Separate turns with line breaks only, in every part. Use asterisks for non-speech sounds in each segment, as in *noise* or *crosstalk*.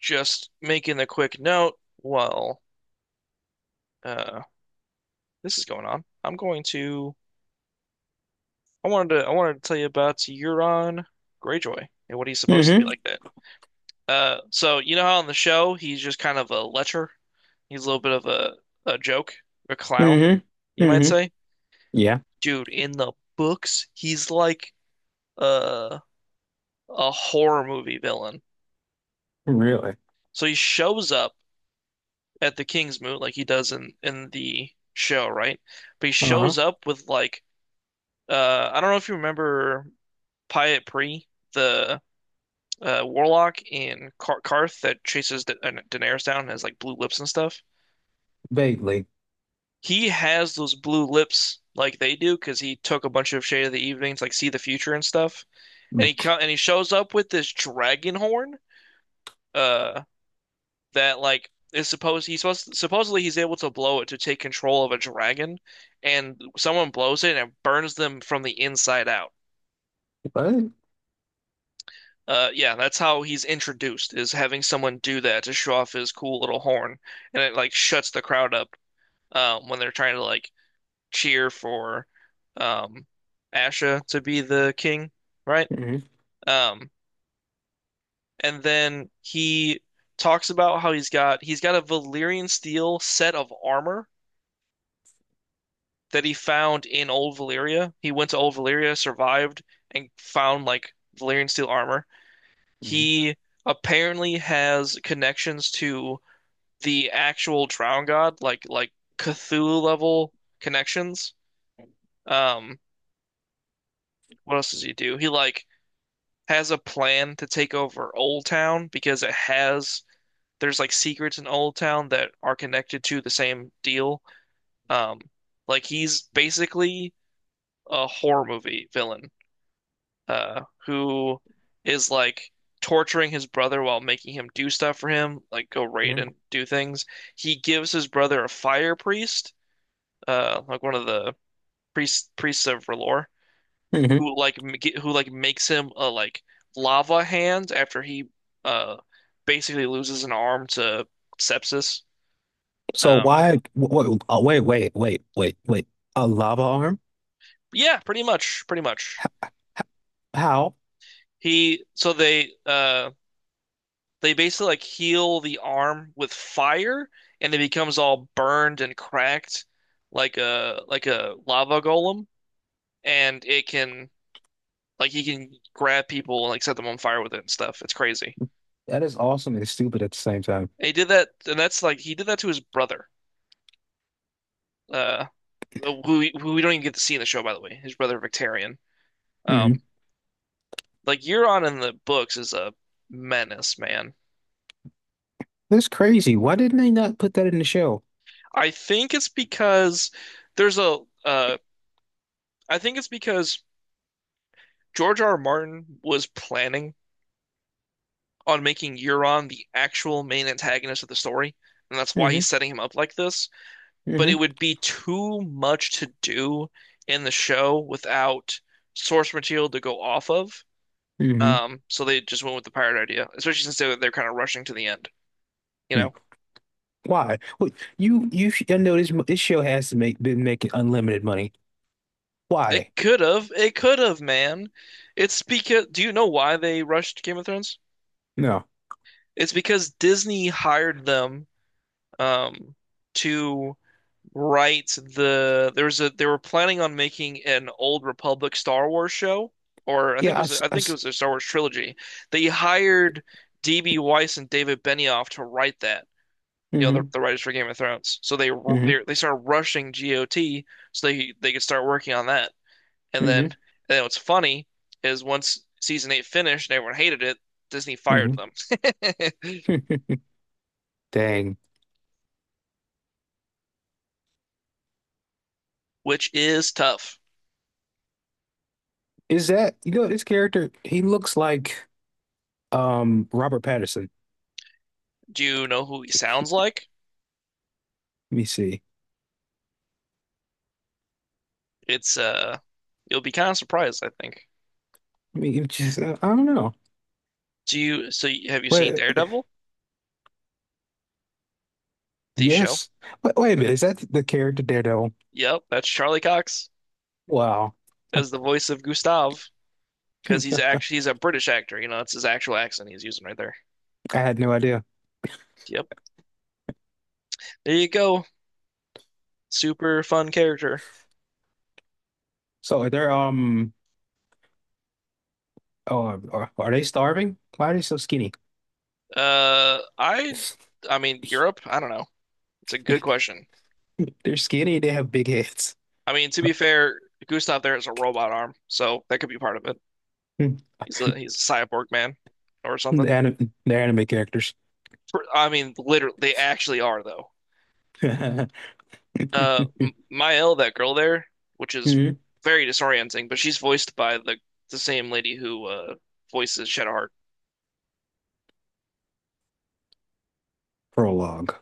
Just making a quick note while uh, this is going on. I'm going to. I wanted to tell you about Euron Greyjoy and what he's supposed to be
Mm-hmm.
like that. So you know how on the show he's just kind of a lecher. He's a little bit of a joke, a clown,
Mm-hmm.
you might
Mm-hmm.
say.
Yeah,
Dude, in the books, he's like uh, a horror movie villain.
really.
So he shows up at the King's Moot like he does in the show, right? But he
Uh-huh.
shows up with like. I don't know if you remember Pyat Pre, the warlock in Kar Karth that chases da Daenerys down and has like blue lips and stuff.
Vaguely.
He has those blue lips like they do because he took a bunch of Shade of the Evenings, like see the future and stuff.
Mm.
And he shows up with this dragon horn, uh, that like is supposed he's supposed supposedly he's able to blow it to take control of a dragon, and someone blows it and it burns them from the inside out.
But
Yeah, that's how he's introduced, is having someone do that to show off his cool little horn, and it like shuts the crowd up, when they're trying to like cheer for um, Asha to be the king, right?
mm-hmm.
Um, and then he talks about how he's got a Valyrian steel set of armor that he found in Old Valyria. He went to Old Valyria, survived, and found like Valyrian steel armor.
Mm-hmm.
He apparently has connections to the actual Drown God, like Cthulhu level connections. Um, what else does he do? He has a plan to take over Old Town because it has there's like secrets in Old Town that are connected to the same deal. Um, like he's basically a horror movie villain, who is like torturing his brother while making him do stuff for him, like go raid
Yeah.
and do things. He gives his brother a fire priest, like one of the priests of R'hllor,
Mm-hmm.
who like m- who like makes him a like lava hand after he uh basically loses an arm to sepsis.
So
Um,
why wait, oh, wait. A lava arm?
yeah, pretty much, pretty much.
How?
He so they basically like heal the arm with fire, and it becomes all burned and cracked like a lava golem, and it can like he can grab people and like set them on fire with it and stuff. It's crazy.
That is awesome and stupid at the same time.
And he did that, and that's like he did that to his brother, uh, who we don't even get to see in the show, by the way, his brother Victarion. Um,
Mm-hmm.
like Euron in the books is a menace, man.
That's crazy. Why didn't they not put that in the show?
I think it's because there's a uh, I think it's because George R. R. Martin was planning on making Euron the actual main antagonist of the story, and that's why
Mm-hmm.
he's setting him up like this. But
Mm-hmm.
it would be too much to do in the show without source material to go off of.
Mm-hmm.
So they just went with the pirate idea, especially since they're kind of rushing to the end. You
mm
know,
Why? Wait, I know this show has to make been making unlimited money. Why?
it could have, man. It's because, do you know why they rushed Game of Thrones?
No.
It's because Disney hired them, um, to they were planning on making an Old Republic Star Wars show, or I think it
Yeah, I,
was,
s-
I
I,
think it was a Star Wars trilogy. They hired D.B. Weiss and David Benioff to write that. You know,
mm-hmm.
the writers for Game of Thrones. So they started rushing GOT so they could start working on that. And then
Mm-hmm.
and then what's funny is once season eight finished and everyone hated it, Disney fired them, *laughs*
Mm-hmm. *laughs* Dang.
which is tough.
Is that you know this character? He looks like Robert Pattinson.
Do you know who he sounds like?
Let me see.
It's You'll be kind of surprised, I think.
I mean, it just I don't know.
Do you so you, Have you seen
Wait,
Daredevil, the show?
yes. Wait, wait a minute. Is that the character Daredevil?
Yep, that's Charlie Cox
Wow,
as the voice of Gustav
*laughs*
because
hmm.
he's a British actor. You know, it's his actual accent he's using right there.
I had no idea.
Yep. There you go. Super fun character.
So they're oh, are they starving? Why are they so skinny?
Uh, I,
*laughs*
I mean, Europe. I don't know. It's a good question.
They're skinny. They have big heads.
I mean, to be fair, Gustav there has a robot arm, so that could be part of it.
*laughs*
He's a cyborg man or
Hmm. The
something.
anime, they're anime characters.
For- I mean, literally, they actually are though.
*laughs* Mhm.
M- Mael, that girl there, which is very disorienting, but she's voiced by the same lady who voices Shadowheart,
Prolog.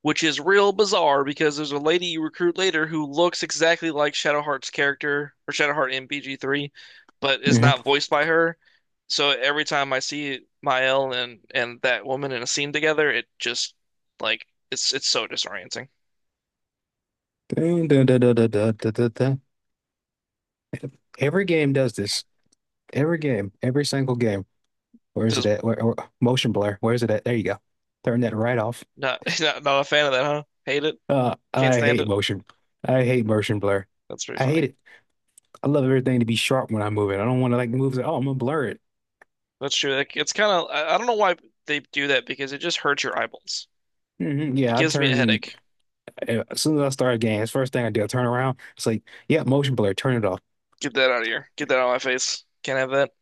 which is real bizarre because there's a lady you recruit later who looks exactly like Shadowheart's character or Shadowheart in BG3, but is
Mhm.
not voiced by her. So every time I see Mael and that woman in a scene together, it just like it's so disorienting.
Dun, dun, dun, dun, dun, dun, dun, dun, dun. Every game does this. Every game, every single game. Where is it
Does
at? Where, or motion blur. Where is it at? There you go. Turn that right off.
not *laughs* not a fan of that, huh? Hate it,
Uh,
can't
I
stand
hate
it.
motion. I hate motion blur.
That's pretty
I
funny.
hate it. I love everything to be sharp when I move it. I don't want to like move it. Oh, I'm gonna blur it.
That's true. Like, it's kind of I don't know why they do that because it just hurts your eyeballs.
Hmm
It
Yeah, I
gives me a
turn
headache.
as soon as I start a game. It's first thing I do. I turn around. It's like, yeah, motion blur. Turn it off.
Get that out of here. Get that out of my face. Can't have that.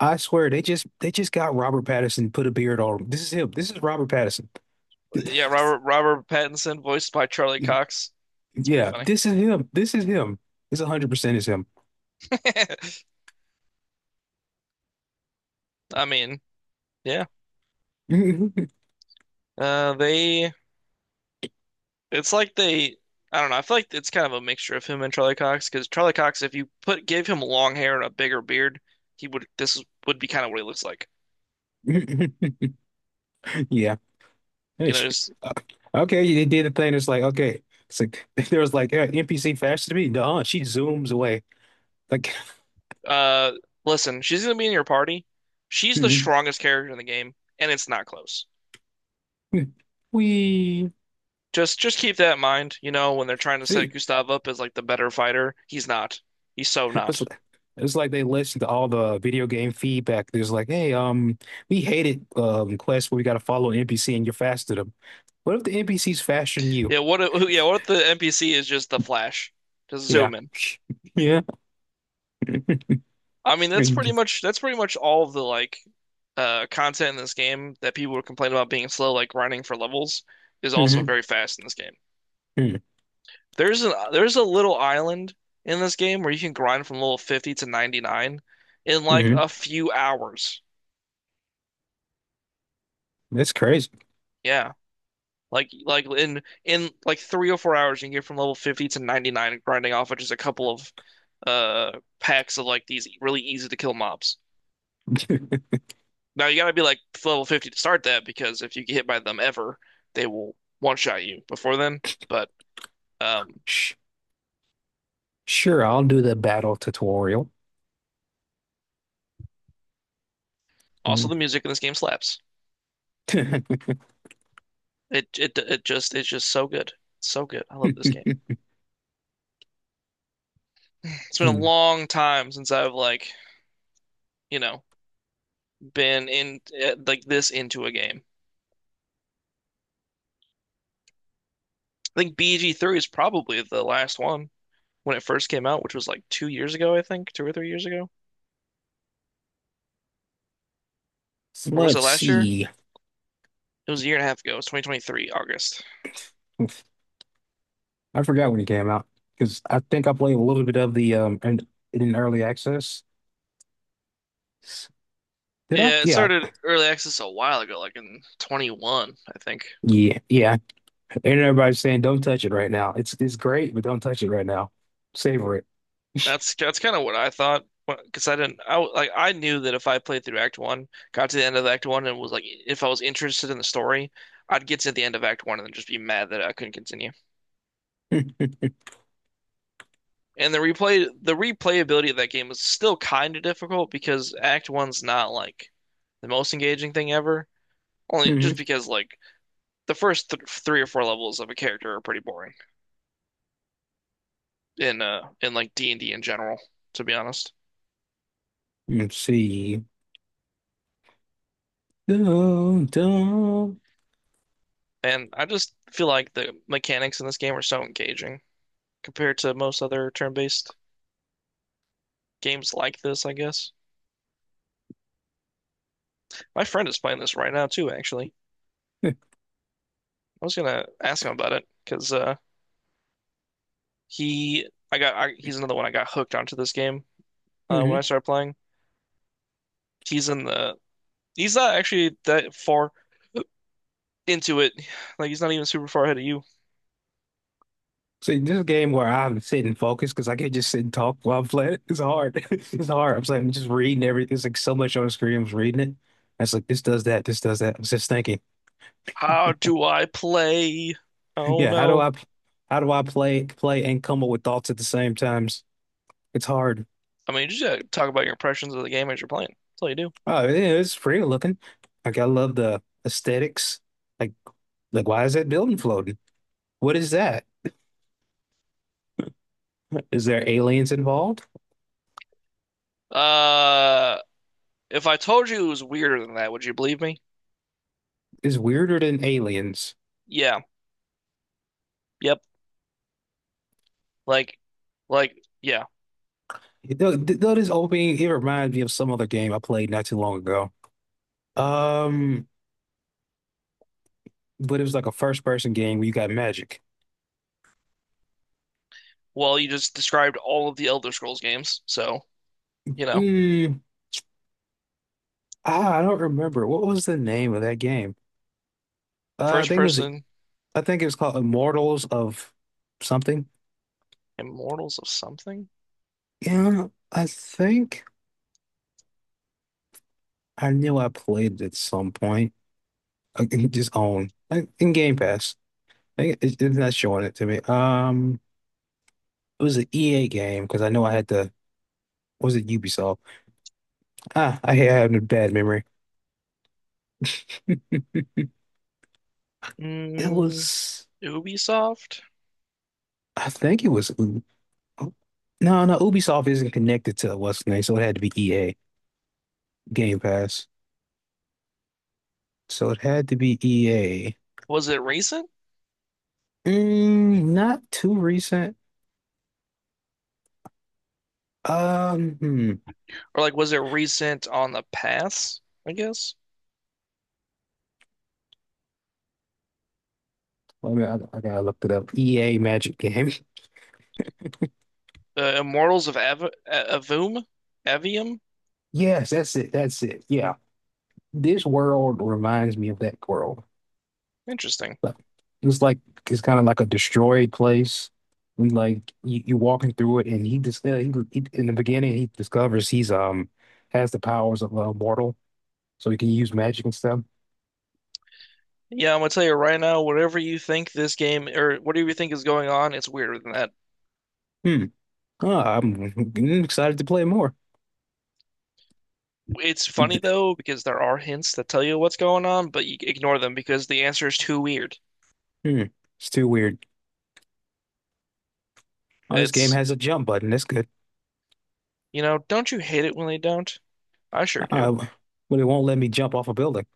I swear they just got Robert Pattinson, put a beard on him. This is him. This is Robert Pattinson.
Yeah, Robert Pattinson, voiced by Charlie
*laughs*
Cox. It's pretty
Yeah,
funny.
this is him. This is him. This 100% is him.
*laughs* I mean, yeah.
*laughs*
They. It's like they. I don't know. I feel like it's kind of a mixture of him and Charlie Cox because Charlie Cox, if you put gave him long hair and a bigger beard, he would. This would be kind of what he looks like.
Yeah. Hey,
You know,
shit.
just
Okay, they did the thing. It's like, okay. It's like, *laughs* there was like, "Yeah, NPC faster than me." No, she zooms away. Like,
uh, listen. She's gonna be in your party. She's the
*laughs*
strongest character in the game, and it's not close.
we
Just keep that in mind. You know, when they're trying to set
see.
Gustav up as like the better fighter, he's not. He's so
It's
not.
like, it's like they listened to all the video game feedback. There's like, hey, we hated quests where we got to follow an NPC and you're faster than them. What if the NPC's faster than you?
Yeah, what if, *laughs* yeah, what if the NPC is just the Flash? Just
Yeah.
zoom in.
Yeah. *laughs*
I mean,
Hmm.
that's pretty much all of the like content in this game that people would complain about being slow, like grinding for levels, is also very fast in this game.
Hmm.
There's a little island in this game where you can grind from level 50 to 99 in like a few hours.
That's crazy.
Yeah. Like in like 3 or 4 hours you can get from level 50 to 99 grinding off of just a couple of uh packs of like these really easy to kill mobs.
*laughs*
Now you gotta be like level 50 to start that because if you get hit by them ever, they will one shot you before then. But um,
Sh- Sure, I'll do the battle tutorial.
also the
Um,
music in this game slaps.
*laughs*
It just it's just so good. So good. I love this game. It's been a long time since I've like, you know, been in like this into a game. I think BG3 is probably the last one when it first came out, which was like 2 years ago, I think, 2 or 3 years ago.
so
Or was it
let's
last year?
see.
It was a year and a half ago. It was 2023, August.
I forgot when it came out because I think I played a little bit of the in early access. Did I?
Yeah, it
Yeah,
started early access a while ago, like in 21, I think.
yeah. And everybody's saying don't touch it right now. It's great, but don't touch it right now. Savor
That's kind of what I thought, because I didn't, I w- like I knew that if I played through Act One, got to the end of Act One, and was like, if I was interested in the story, I'd get to the end of Act One and then just be mad that I couldn't continue.
it.
And the replayability of that game is still kind of difficult because Act One's not like the most engaging thing ever.
*laughs*
Only just
Hmm.
because like the first th three or four levels of a character are pretty boring in like D&D in general, to be honest.
Let's see. Dun, dun.
And I just feel like the mechanics in this game are so engaging compared to most other turn-based games like this, I guess. My friend is playing this right now too, actually. I was gonna ask him about it because he's another one I got hooked onto this game when I
*laughs*
started playing. He's in the, he's not actually that far into it. Like he's not even super far ahead of you.
See, this is a game where I have to sit and focus because I can't just sit and talk while I'm playing it. It's hard. *laughs* It's hard. I'm like, I'm just reading everything. It's like so much on the screen. I'm just reading it. It's like this does that, this does that. I'm just thinking,
How do I play? Oh
yeah,
no.
how do I play and come up with thoughts at the same times? It's hard.
I mean, you just gotta talk about your impressions of the game as you're playing. That's all you do.
Oh, yeah, it's pretty looking. Like, I love the aesthetics. Like, like why is that building floating? What is that? Is there aliens involved?
Uh, If I told you it was weirder than that, would you believe me?
It's weirder than aliens.
Yeah. Yep. Like, like, yeah.
Though this opening, it reminds me of some other game I played not too long ago. Um, but it was like a first person game where you got magic.
Well, you just described all of the Elder Scrolls games, so you know,
Mm, ah, I don't remember. What was the name of that game? Uh, I
first
think it was
person.
I think it was called Immortals of something.
Immortals of something?
Yeah, I think I knew I played it at some point. I can just on like in Game Pass. I think it's not showing it to me. It was an EA game because I know I had to. Was it Ubisoft? Ah, I had a bad memory. It
Mm,
was.
Ubisoft?
I think it was. No, no, Ubisoft isn't connected to what's the name, so it had to be EA Game Pass. So it had to be EA.
Was it recent?
Mm, not too recent. Hmm.
Or like, was it recent on the pass, I guess?
Wait a minute, I gotta look it up. EA Magic Game. *laughs*
Immortals of Av Avum? Avium?
Yes, that's it. That's it. Yeah, this world reminds me of that world.
Interesting.
Like, it's like it's kind of like a destroyed place. And like you walking through it, and he in the beginning he discovers he's has the powers of a mortal, so you can use magic and stuff.
Yeah, I'm gonna tell you right now, whatever you think this game or whatever you think is going on, it's weirder than that.
Hmm. Oh, I'm *laughs* excited to play more.
It's
I'm,
funny
d-
though because there are hints that tell you what's going on, but you ignore them because the answer is too weird.
hmm. It's too weird. Oh, this game
It's,
has a jump button. That's good.
you know, don't you hate it when they don't? I sure do.
Uh, but it won't let me jump off a building.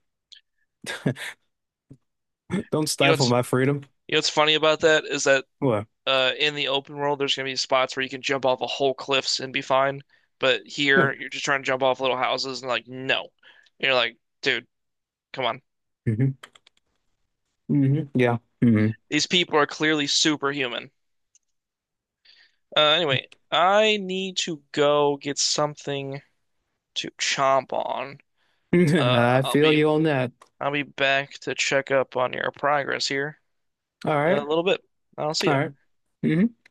*laughs* Don't
You know
stifle
what's
my freedom.
you know what's funny about that is that
What?
in the open world there's gonna be spots where you can jump off a whole cliffs and be fine, but
Yeah.
here you're just trying to jump off little houses and like no. And you're like, dude, come on.
Hmm. Hmm. Yeah. Hmm.
These people are clearly superhuman. Anyway, I need to go get something to chomp on.
*laughs*
Uh,
I
I'll
feel
be
you on that.
I'll be back to check up on your progress here
All
in a
right.
little bit. I'll see
All
you.
right. Mhm.